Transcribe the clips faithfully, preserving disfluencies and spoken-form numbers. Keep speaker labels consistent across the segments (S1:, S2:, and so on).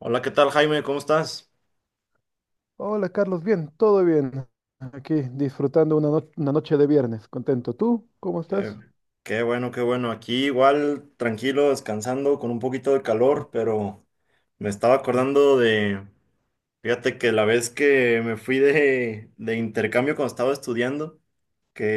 S1: Hola, ¿qué tal, Jaime? ¿Cómo estás?
S2: Hola Carlos, bien, todo bien. Aquí disfrutando una, no- una noche de viernes, contento. ¿Tú cómo
S1: Eh,
S2: estás?
S1: Qué bueno, qué bueno. Aquí igual tranquilo, descansando, con un poquito de calor, pero me estaba
S2: Ujú,
S1: acordando de, fíjate que la vez que me fui de, de intercambio cuando estaba estudiando,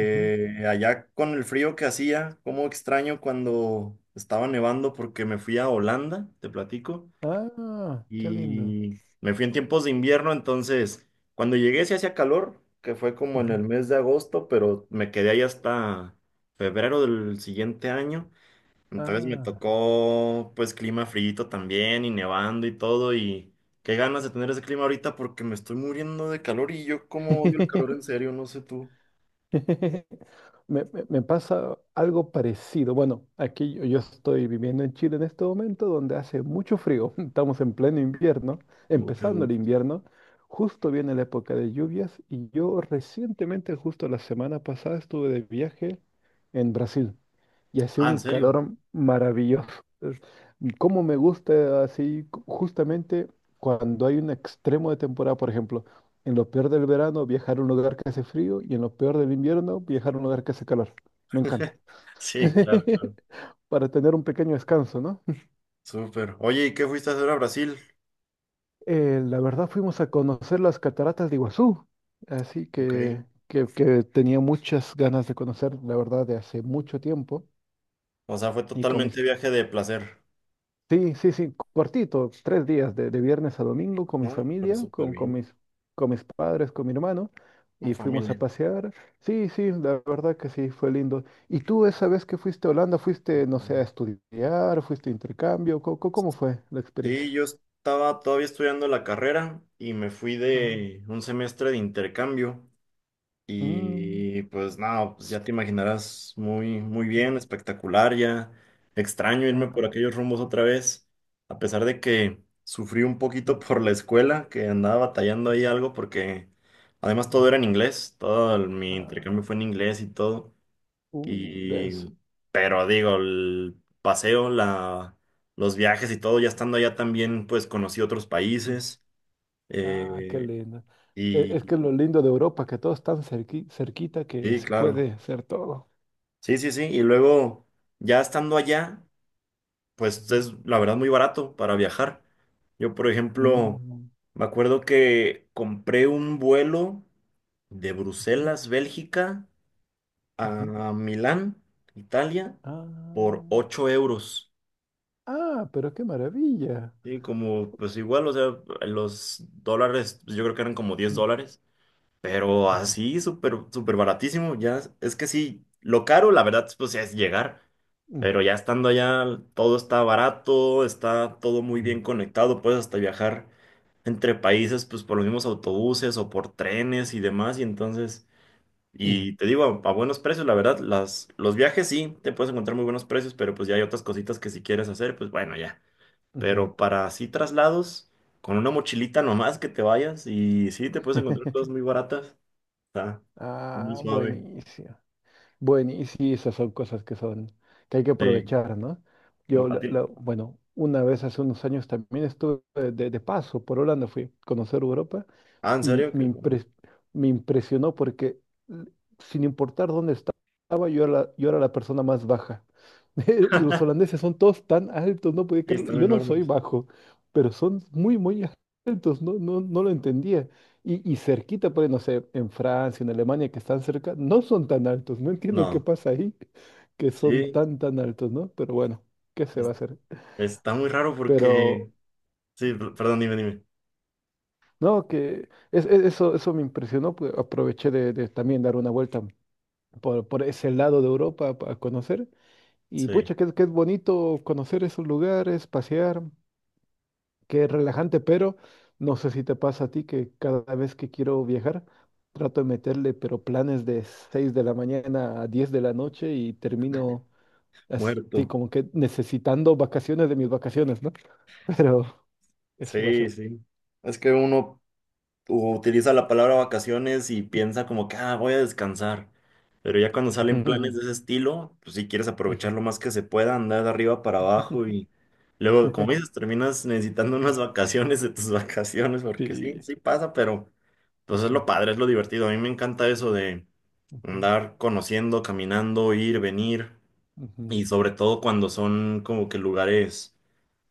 S2: ujú.
S1: allá con el frío que hacía, cómo extraño cuando estaba nevando porque me fui a Holanda, te platico.
S2: Ah, qué lindo.
S1: Y me fui en tiempos de invierno, entonces cuando llegué sí hacía calor, que fue como en el
S2: Ujú.
S1: mes de agosto, pero me quedé ahí hasta febrero del siguiente año. Entonces me
S2: Ah.
S1: tocó pues clima frío también y nevando y todo y qué ganas de tener ese clima ahorita porque me estoy muriendo de calor y yo como odio el calor, en serio, no sé tú.
S2: Me, me- me pasa algo parecido. Bueno, aquí yo, yo estoy viviendo en Chile en este momento donde hace mucho frío. Estamos en pleno invierno,
S1: Oh, qué
S2: empezando el
S1: gusto.
S2: invierno. Justo viene la época de lluvias y yo recientemente, justo la semana pasada, estuve de viaje en Brasil y hace
S1: Ah, ¿en
S2: un
S1: serio?
S2: calor maravilloso. Es- Cómo me gusta así cu- justamente cuando hay un extremo de temporada, por ejemplo. En lo peor del verano, viajar a un lugar que hace frío y en lo peor del invierno, viajar a un lugar que hace calor. Me encanta.
S1: Sí, claro, claro.
S2: Para tener un pequeño descanso, ¿no?
S1: Súper. Oye, ¿y qué fuiste a hacer a Brasil?
S2: Eh, la verdad fuimos a conocer las cataratas de Iguazú, así
S1: Ok.
S2: que, que, que tenía muchas ganas de conocer, la verdad, de hace mucho tiempo.
S1: O sea, fue
S2: Y con mis
S1: totalmente viaje de placer.
S2: sí, sí, sí, cortito, tres días de, de, viernes a domingo con mi
S1: No, pero
S2: familia,
S1: súper
S2: con, con
S1: bien,
S2: mis, con mis padres, con mi hermano,
S1: con
S2: y fuimos a
S1: familia.
S2: pasear. Sí, sí, la verdad que sí, fue lindo. ¿Y tú esa vez que fuiste a Holanda,
S1: Súper
S2: fuiste, no sé, a
S1: bien.
S2: estudiar, fuiste a intercambio? ¿Cómo, cómo fue la experiencia?
S1: Sí, yo estaba todavía estudiando la carrera y me fui
S2: Ah,
S1: de un semestre de intercambio
S2: mm,
S1: y pues nada, pues ya te imaginarás muy, muy
S2: mm,
S1: bien, espectacular, ya extraño irme por
S2: ah,
S1: aquellos rumbos otra vez, a pesar de que sufrí un
S2: mm,
S1: poquito por la escuela, que andaba batallando
S2: mm,
S1: ahí algo porque además todo era
S2: ujú,
S1: en inglés, todo el- mi
S2: ah,
S1: intercambio fue en inglés y todo.
S2: uh,
S1: Y
S2: denso.
S1: pero digo, el paseo, la, los viajes y todo, ya estando allá también, pues conocí otros
S2: Mm.
S1: países.
S2: Ah, qué
S1: eh,
S2: lindo. E-
S1: y
S2: Es, que lo lindo de Europa, que todo es tan cerqui- cerquita que
S1: sí,
S2: se
S1: claro.
S2: puede hacer todo.
S1: Sí, sí, sí. Y luego, ya estando allá, pues es la verdad muy barato para viajar. Yo, por ejemplo,
S2: Mm,
S1: me acuerdo que compré un vuelo de
S2: ujú,
S1: Bruselas, Bélgica,
S2: ujú.
S1: a Milán, Italia, por
S2: Ah,
S1: ocho euros.
S2: ah, pero qué maravilla.
S1: Sí, como, pues igual, o sea, los dólares, pues, yo creo que eran como diez
S2: Mm,
S1: dólares, pero
S2: ujú,
S1: así, súper, súper baratísimo, ya, es que sí, lo caro, la verdad, pues es llegar,
S2: mm,
S1: pero ya estando allá, todo está barato, está todo muy
S2: mm,
S1: bien conectado, puedes hasta viajar entre países, pues por los mismos autobuses o por trenes y demás, y entonces,
S2: mm,
S1: y te digo, a, a buenos precios, la verdad, las, los viajes sí, te puedes encontrar muy buenos precios, pero pues ya hay otras cositas que si quieres hacer, pues bueno, ya.
S2: ujú.
S1: Pero para así traslados, con una mochilita nomás que te vayas y sí, te puedes encontrar cosas muy baratas. Está muy
S2: Ah,
S1: suave.
S2: buenísimo. Buenísimo, esas son cosas que son, que hay que
S1: Sí.
S2: aprovechar, ¿no?
S1: ¿Tú-
S2: Yo,
S1: a
S2: la-
S1: ti-
S2: la- bueno, una vez hace unos años también estuve de, de, paso por Holanda, fui a conocer Europa
S1: ah, ¿en
S2: y
S1: serio? Qué
S2: me,
S1: bueno.
S2: impres- me impresionó porque l- sin importar dónde estaba, yo era la, yo era la persona más baja. Los holandeses son todos tan altos, no podía
S1: Sí,
S2: creerlo. Y
S1: están
S2: yo no soy
S1: enormes.
S2: bajo, pero son muy, muy altos, no, no, no lo entendía. Y, y cerquita, por ahí, no sé, en Francia, en Alemania, que están cerca, no son tan altos. No entiendo qué
S1: No,
S2: pasa ahí, que son
S1: sí,
S2: tan, tan altos, ¿no? Pero bueno, ¿qué se va
S1: es-
S2: a hacer?
S1: está muy raro
S2: Pero,
S1: porque... Sí, per- perdón, dime, dime.
S2: no, que es- es- eso, eso me impresionó, pues, aproveché de, de también dar una vuelta por, por ese lado de Europa a conocer. Y
S1: Sí,
S2: pucha, que es bonito conocer esos lugares, pasear, que es relajante, pero no sé si te pasa a ti que cada vez que quiero viajar, trato de meterle, pero planes de seis de la mañana a diez de la noche y termino así
S1: muerto.
S2: como que necesitando vacaciones de mis vacaciones, ¿no? Pero ese va a
S1: Sí,
S2: ser.
S1: sí. Es que uno o utiliza la palabra vacaciones y piensa como que, ah, voy a descansar. Pero ya cuando salen planes
S2: Ujú,
S1: de ese estilo, pues si quieres aprovechar
S2: ujú.
S1: lo más que se pueda, andar de arriba para abajo y luego, como
S2: Ujú.
S1: dices, terminas necesitando unas vacaciones de tus vacaciones, porque sí,
S2: Sí.
S1: sí pasa, pero pues es lo
S2: Ujú,
S1: padre, es lo divertido. A mí me encanta eso de
S2: ujú,
S1: andar conociendo, caminando, ir, venir
S2: ujú.
S1: y sobre todo cuando son como que lugares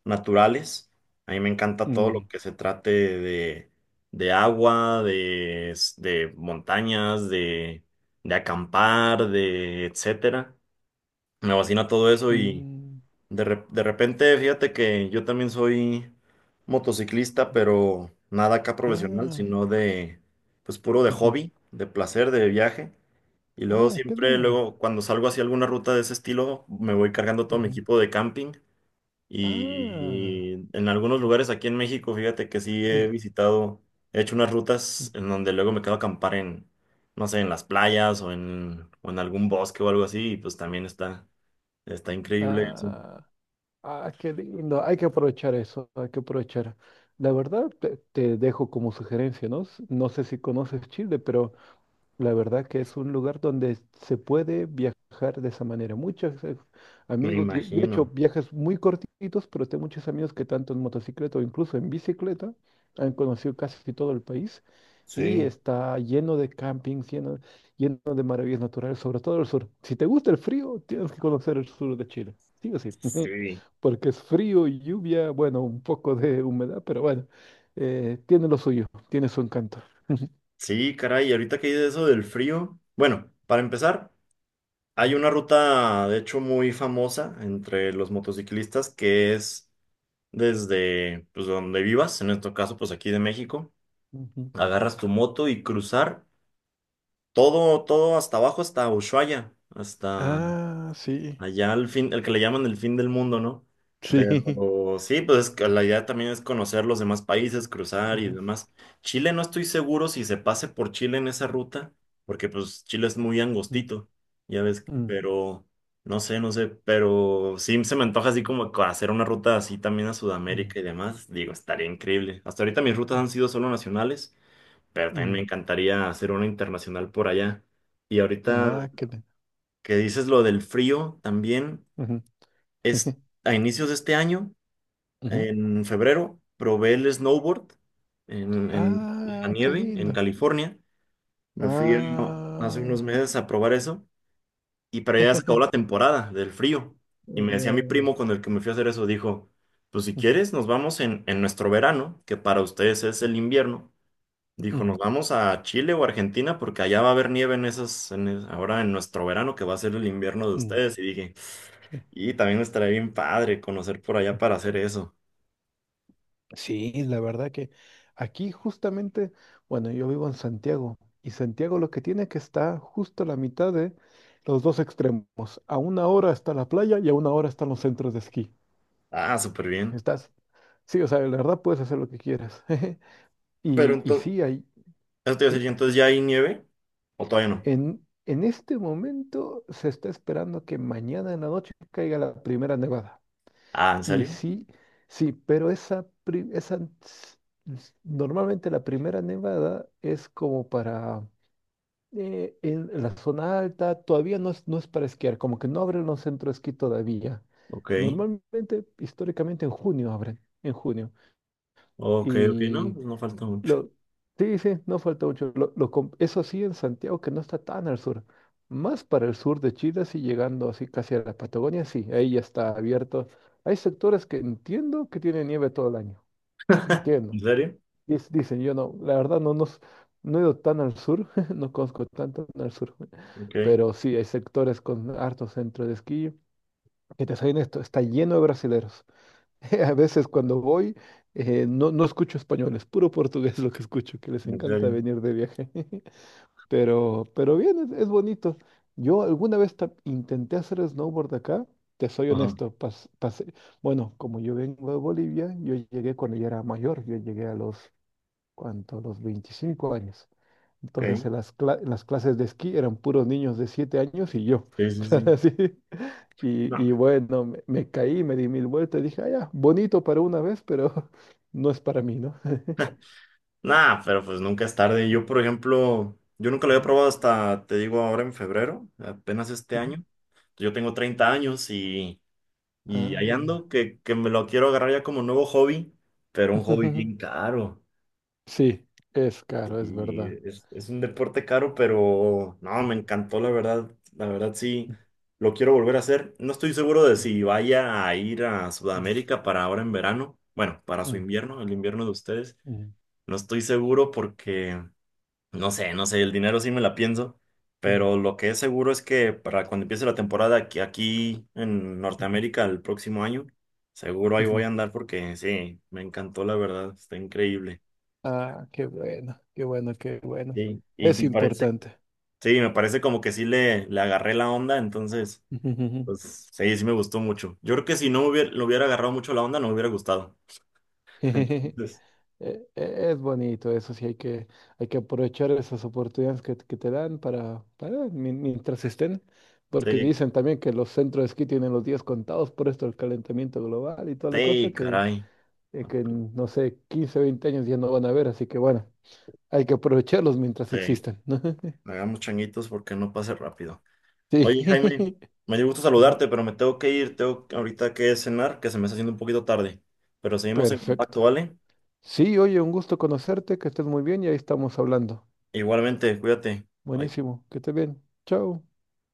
S1: naturales. A mí me encanta todo lo
S2: Mm,
S1: que se trate de, de agua, de, s- de montañas, de, de acampar, de etcétera. Me fascina todo eso y
S2: mm.
S1: de, re- de repente, fíjate que yo también soy motociclista, pero nada acá profesional,
S2: Ah,
S1: sino de, pues puro de
S2: ujú.
S1: hobby, de placer, de viaje. Y luego
S2: Ah, qué
S1: siempre,
S2: lindo.
S1: luego cuando salgo hacia alguna ruta de ese estilo, me voy cargando todo mi
S2: Ujú.
S1: equipo de camping
S2: Ah,
S1: y en algunos lugares aquí en México, fíjate que sí he
S2: rico.
S1: visitado, he hecho unas rutas en donde luego me quedo a acampar en, no sé, en las playas o en, o en algún bosque o algo así, y pues también está, está increíble eso.
S2: Ah, ah, qué lindo. Hay que aprovechar eso, hay que aprovechar. La verdad, te, te dejo como sugerencia, ¿no? S- No sé si conoces Chile, pero la verdad que es un lugar donde se puede viajar de esa manera. Muchos eh,
S1: Me
S2: amigos, yo, yo he hecho
S1: imagino.
S2: viajes muy cortitos, pero tengo muchos amigos que tanto en motocicleta o incluso en bicicleta han conocido casi todo el país. Y
S1: Sí,
S2: está lleno de campings, lleno, lleno de maravillas naturales, sobre todo el sur. Si te gusta el frío, tienes que conocer el sur de Chile. Sí o sí,
S1: sí.
S2: porque es frío, lluvia, bueno, un poco de humedad, pero bueno, eh, tiene lo suyo, tiene su encanto.
S1: Sí, caray, y ahorita que dices eso del frío, bueno, para empezar, hay
S2: Ujú.
S1: una ruta, de hecho, muy famosa entre los motociclistas que es desde, pues, donde vivas, en este caso, pues aquí de México
S2: Ujú.
S1: agarras tu moto y cruzar todo, todo hasta abajo, hasta Ushuaia, hasta
S2: Ah, sí.
S1: allá al fin, el que le llaman el fin del mundo, ¿no?
S2: Sí.
S1: Pero sí, pues es que la idea también es conocer los demás países, cruzar y
S2: Ujú,
S1: demás. Chile no estoy seguro si se pase por Chile en esa ruta, porque pues Chile es muy angostito, ya ves,
S2: mm, mm,
S1: pero no sé, no sé, pero sí se me antoja así como co- hacer una ruta así también a
S2: mm, mm,
S1: Sudamérica y demás. Digo, estaría increíble. Hasta ahorita mis rutas
S2: eh,
S1: han sido solo nacionales pero también me
S2: mm,
S1: encantaría hacer una internacional por allá. Y ahorita
S2: ah, qué lindo.
S1: que dices lo del frío, también
S2: Ujú,
S1: es
S2: jeje,
S1: a inicios de este año,
S2: ujú.
S1: en febrero, probé el snowboard en, en la
S2: Ah, qué
S1: nieve en
S2: lindo.
S1: California. Me fui a- hace unos
S2: Ah.
S1: meses a probar eso y para allá se acabó la temporada del frío. Y me decía mi
S2: Jejeje.
S1: primo con el que me fui a hacer eso, dijo, pues si
S2: Ujú,
S1: quieres nos vamos en, en nuestro verano, que para ustedes es el invierno. Dijo, nos
S2: ujú,
S1: vamos a Chile o Argentina porque allá va a haber nieve en esas, en es- ahora en nuestro verano que va a ser el invierno de
S2: ujú,
S1: ustedes. Y dije,
S2: sí.
S1: y también estaría bien padre conocer por allá para hacer eso.
S2: Sí, la verdad que aquí justamente, bueno, yo vivo en Santiago y Santiago lo que tiene que está justo a la mitad de los dos extremos. A una hora está la playa y a una hora están los centros de esquí.
S1: Ah, súper bien.
S2: Estás, sí, o sea, la verdad puedes hacer lo que quieras.
S1: Pero
S2: Y, y
S1: entonces,
S2: sí, hay,
S1: eso te iba a
S2: sí.
S1: decir, entonces ya hay nieve o todavía no.
S2: En, en este momento se está esperando que mañana en la noche caiga la primera nevada.
S1: Ah, ¿en
S2: Y
S1: serio?
S2: sí, sí, pero esa, pri- esa s- s- normalmente la primera nevada es como para eh, en la zona alta, todavía no es, no es para esquiar, como que no abren los centros de esquí todavía.
S1: Ok,
S2: Normalmente, históricamente en junio abren, en junio.
S1: ok, ok, no, pues no falta mucho.
S2: Lo, sí, sí, no falta mucho. Lo- lo com- eso sí, en Santiago, que no está tan al sur. Más para el sur de Chile, así llegando así casi a la Patagonia, sí, ahí ya está abierto. Hay sectores que entiendo que tienen nieve todo el año. Entiendo.
S1: ¿En serio?
S2: Dic- dicen, yo no, la verdad no, nos, no he ido tan al sur, no conozco tanto al sur.
S1: Ok, en
S2: Pero sí, hay sectores con hartos centros de esquí que te salen esto, está lleno de brasileros. A veces cuando voy, eh, no, no escucho español, es puro portugués lo que escucho, que les encanta
S1: serio.
S2: venir de viaje. Pero, pero bien, es, es bonito. Yo alguna vez ta- intenté hacer snowboard acá, te soy
S1: Ajá,
S2: honesto, pas- pasé- Bueno, como yo vengo de Bolivia, yo llegué cuando ya era mayor, yo llegué a los, ¿cuánto? Los veinticinco años.
S1: ok,
S2: Entonces en las, cla- en las clases de esquí eran puros niños de siete años y yo.
S1: sí, sí,
S2: Claro,
S1: sí.
S2: así. Y,
S1: No.
S2: y bueno, me, me caí, me di mil vueltas, dije, ah, ya, bonito para una vez, pero no es para mí, ¿no?
S1: Nah, pero pues nunca es tarde. Yo, por ejemplo, yo nunca lo había
S2: Ujú,
S1: probado hasta, te digo, ahora en febrero, apenas este
S2: ujú.
S1: año. Yo tengo treinta años y, y ahí
S2: Ah, ya.
S1: ando, que, que me lo quiero agarrar ya como nuevo hobby, pero un hobby bien caro.
S2: Sí, es caro, es
S1: Y
S2: verdad.
S1: es, es un deporte caro, pero no, me
S2: Ujú,
S1: encantó, la verdad. La verdad sí, lo quiero volver a hacer. No estoy seguro de
S2: ujú,
S1: si vaya a ir a Sudamérica para ahora en verano. Bueno, para su
S2: ujú,
S1: invierno, el invierno de ustedes.
S2: ujú, ujú,
S1: No estoy seguro porque... No sé, no sé, el dinero sí me la pienso,
S2: sí,
S1: pero lo que es seguro es que para cuando empiece la temporada aquí, aquí en
S2: ujú,
S1: Norteamérica el próximo año, seguro ahí voy a
S2: ujú.
S1: andar porque sí, me encantó la verdad, está increíble.
S2: Ah, qué bueno, qué bueno, qué bueno.
S1: Sí, y
S2: Es
S1: me parece,
S2: importante.
S1: sí, me parece como que sí le, le agarré la onda, entonces,
S2: Ujú,
S1: pues sí, sí me gustó mucho. Yo creo que si no me hubiera, le hubiera agarrado mucho la onda, no me hubiera gustado.
S2: ujú.
S1: Entonces,
S2: e- e- Es bonito, eso sí, hay que, hay que aprovechar esas oportunidades que, que te dan para, para mi- mientras estén, porque
S1: sí,
S2: dicen también que los centros de esquí tienen los días contados por esto del calentamiento global y toda la cosa
S1: sí,
S2: que,
S1: caray,
S2: eh, que en, no sé, quince veinte años ya no van a ver, así que bueno, hay que aprovecharlos mientras
S1: sí,
S2: existan, ¿no?
S1: hagamos changuitos porque no pase rápido.
S2: Sí,
S1: Oye, Jaime, me dio gusto
S2: ujú.
S1: saludarte, pero me tengo que ir, tengo que- ahorita que cenar, que se me está haciendo un poquito tarde. Pero seguimos en
S2: Perfecto.
S1: contacto, ¿vale?
S2: Sí, oye, un gusto conocerte, que estés muy bien y ahí estamos hablando.
S1: Igualmente, cuídate. Bye.
S2: Buenísimo, que estés bien. Chao.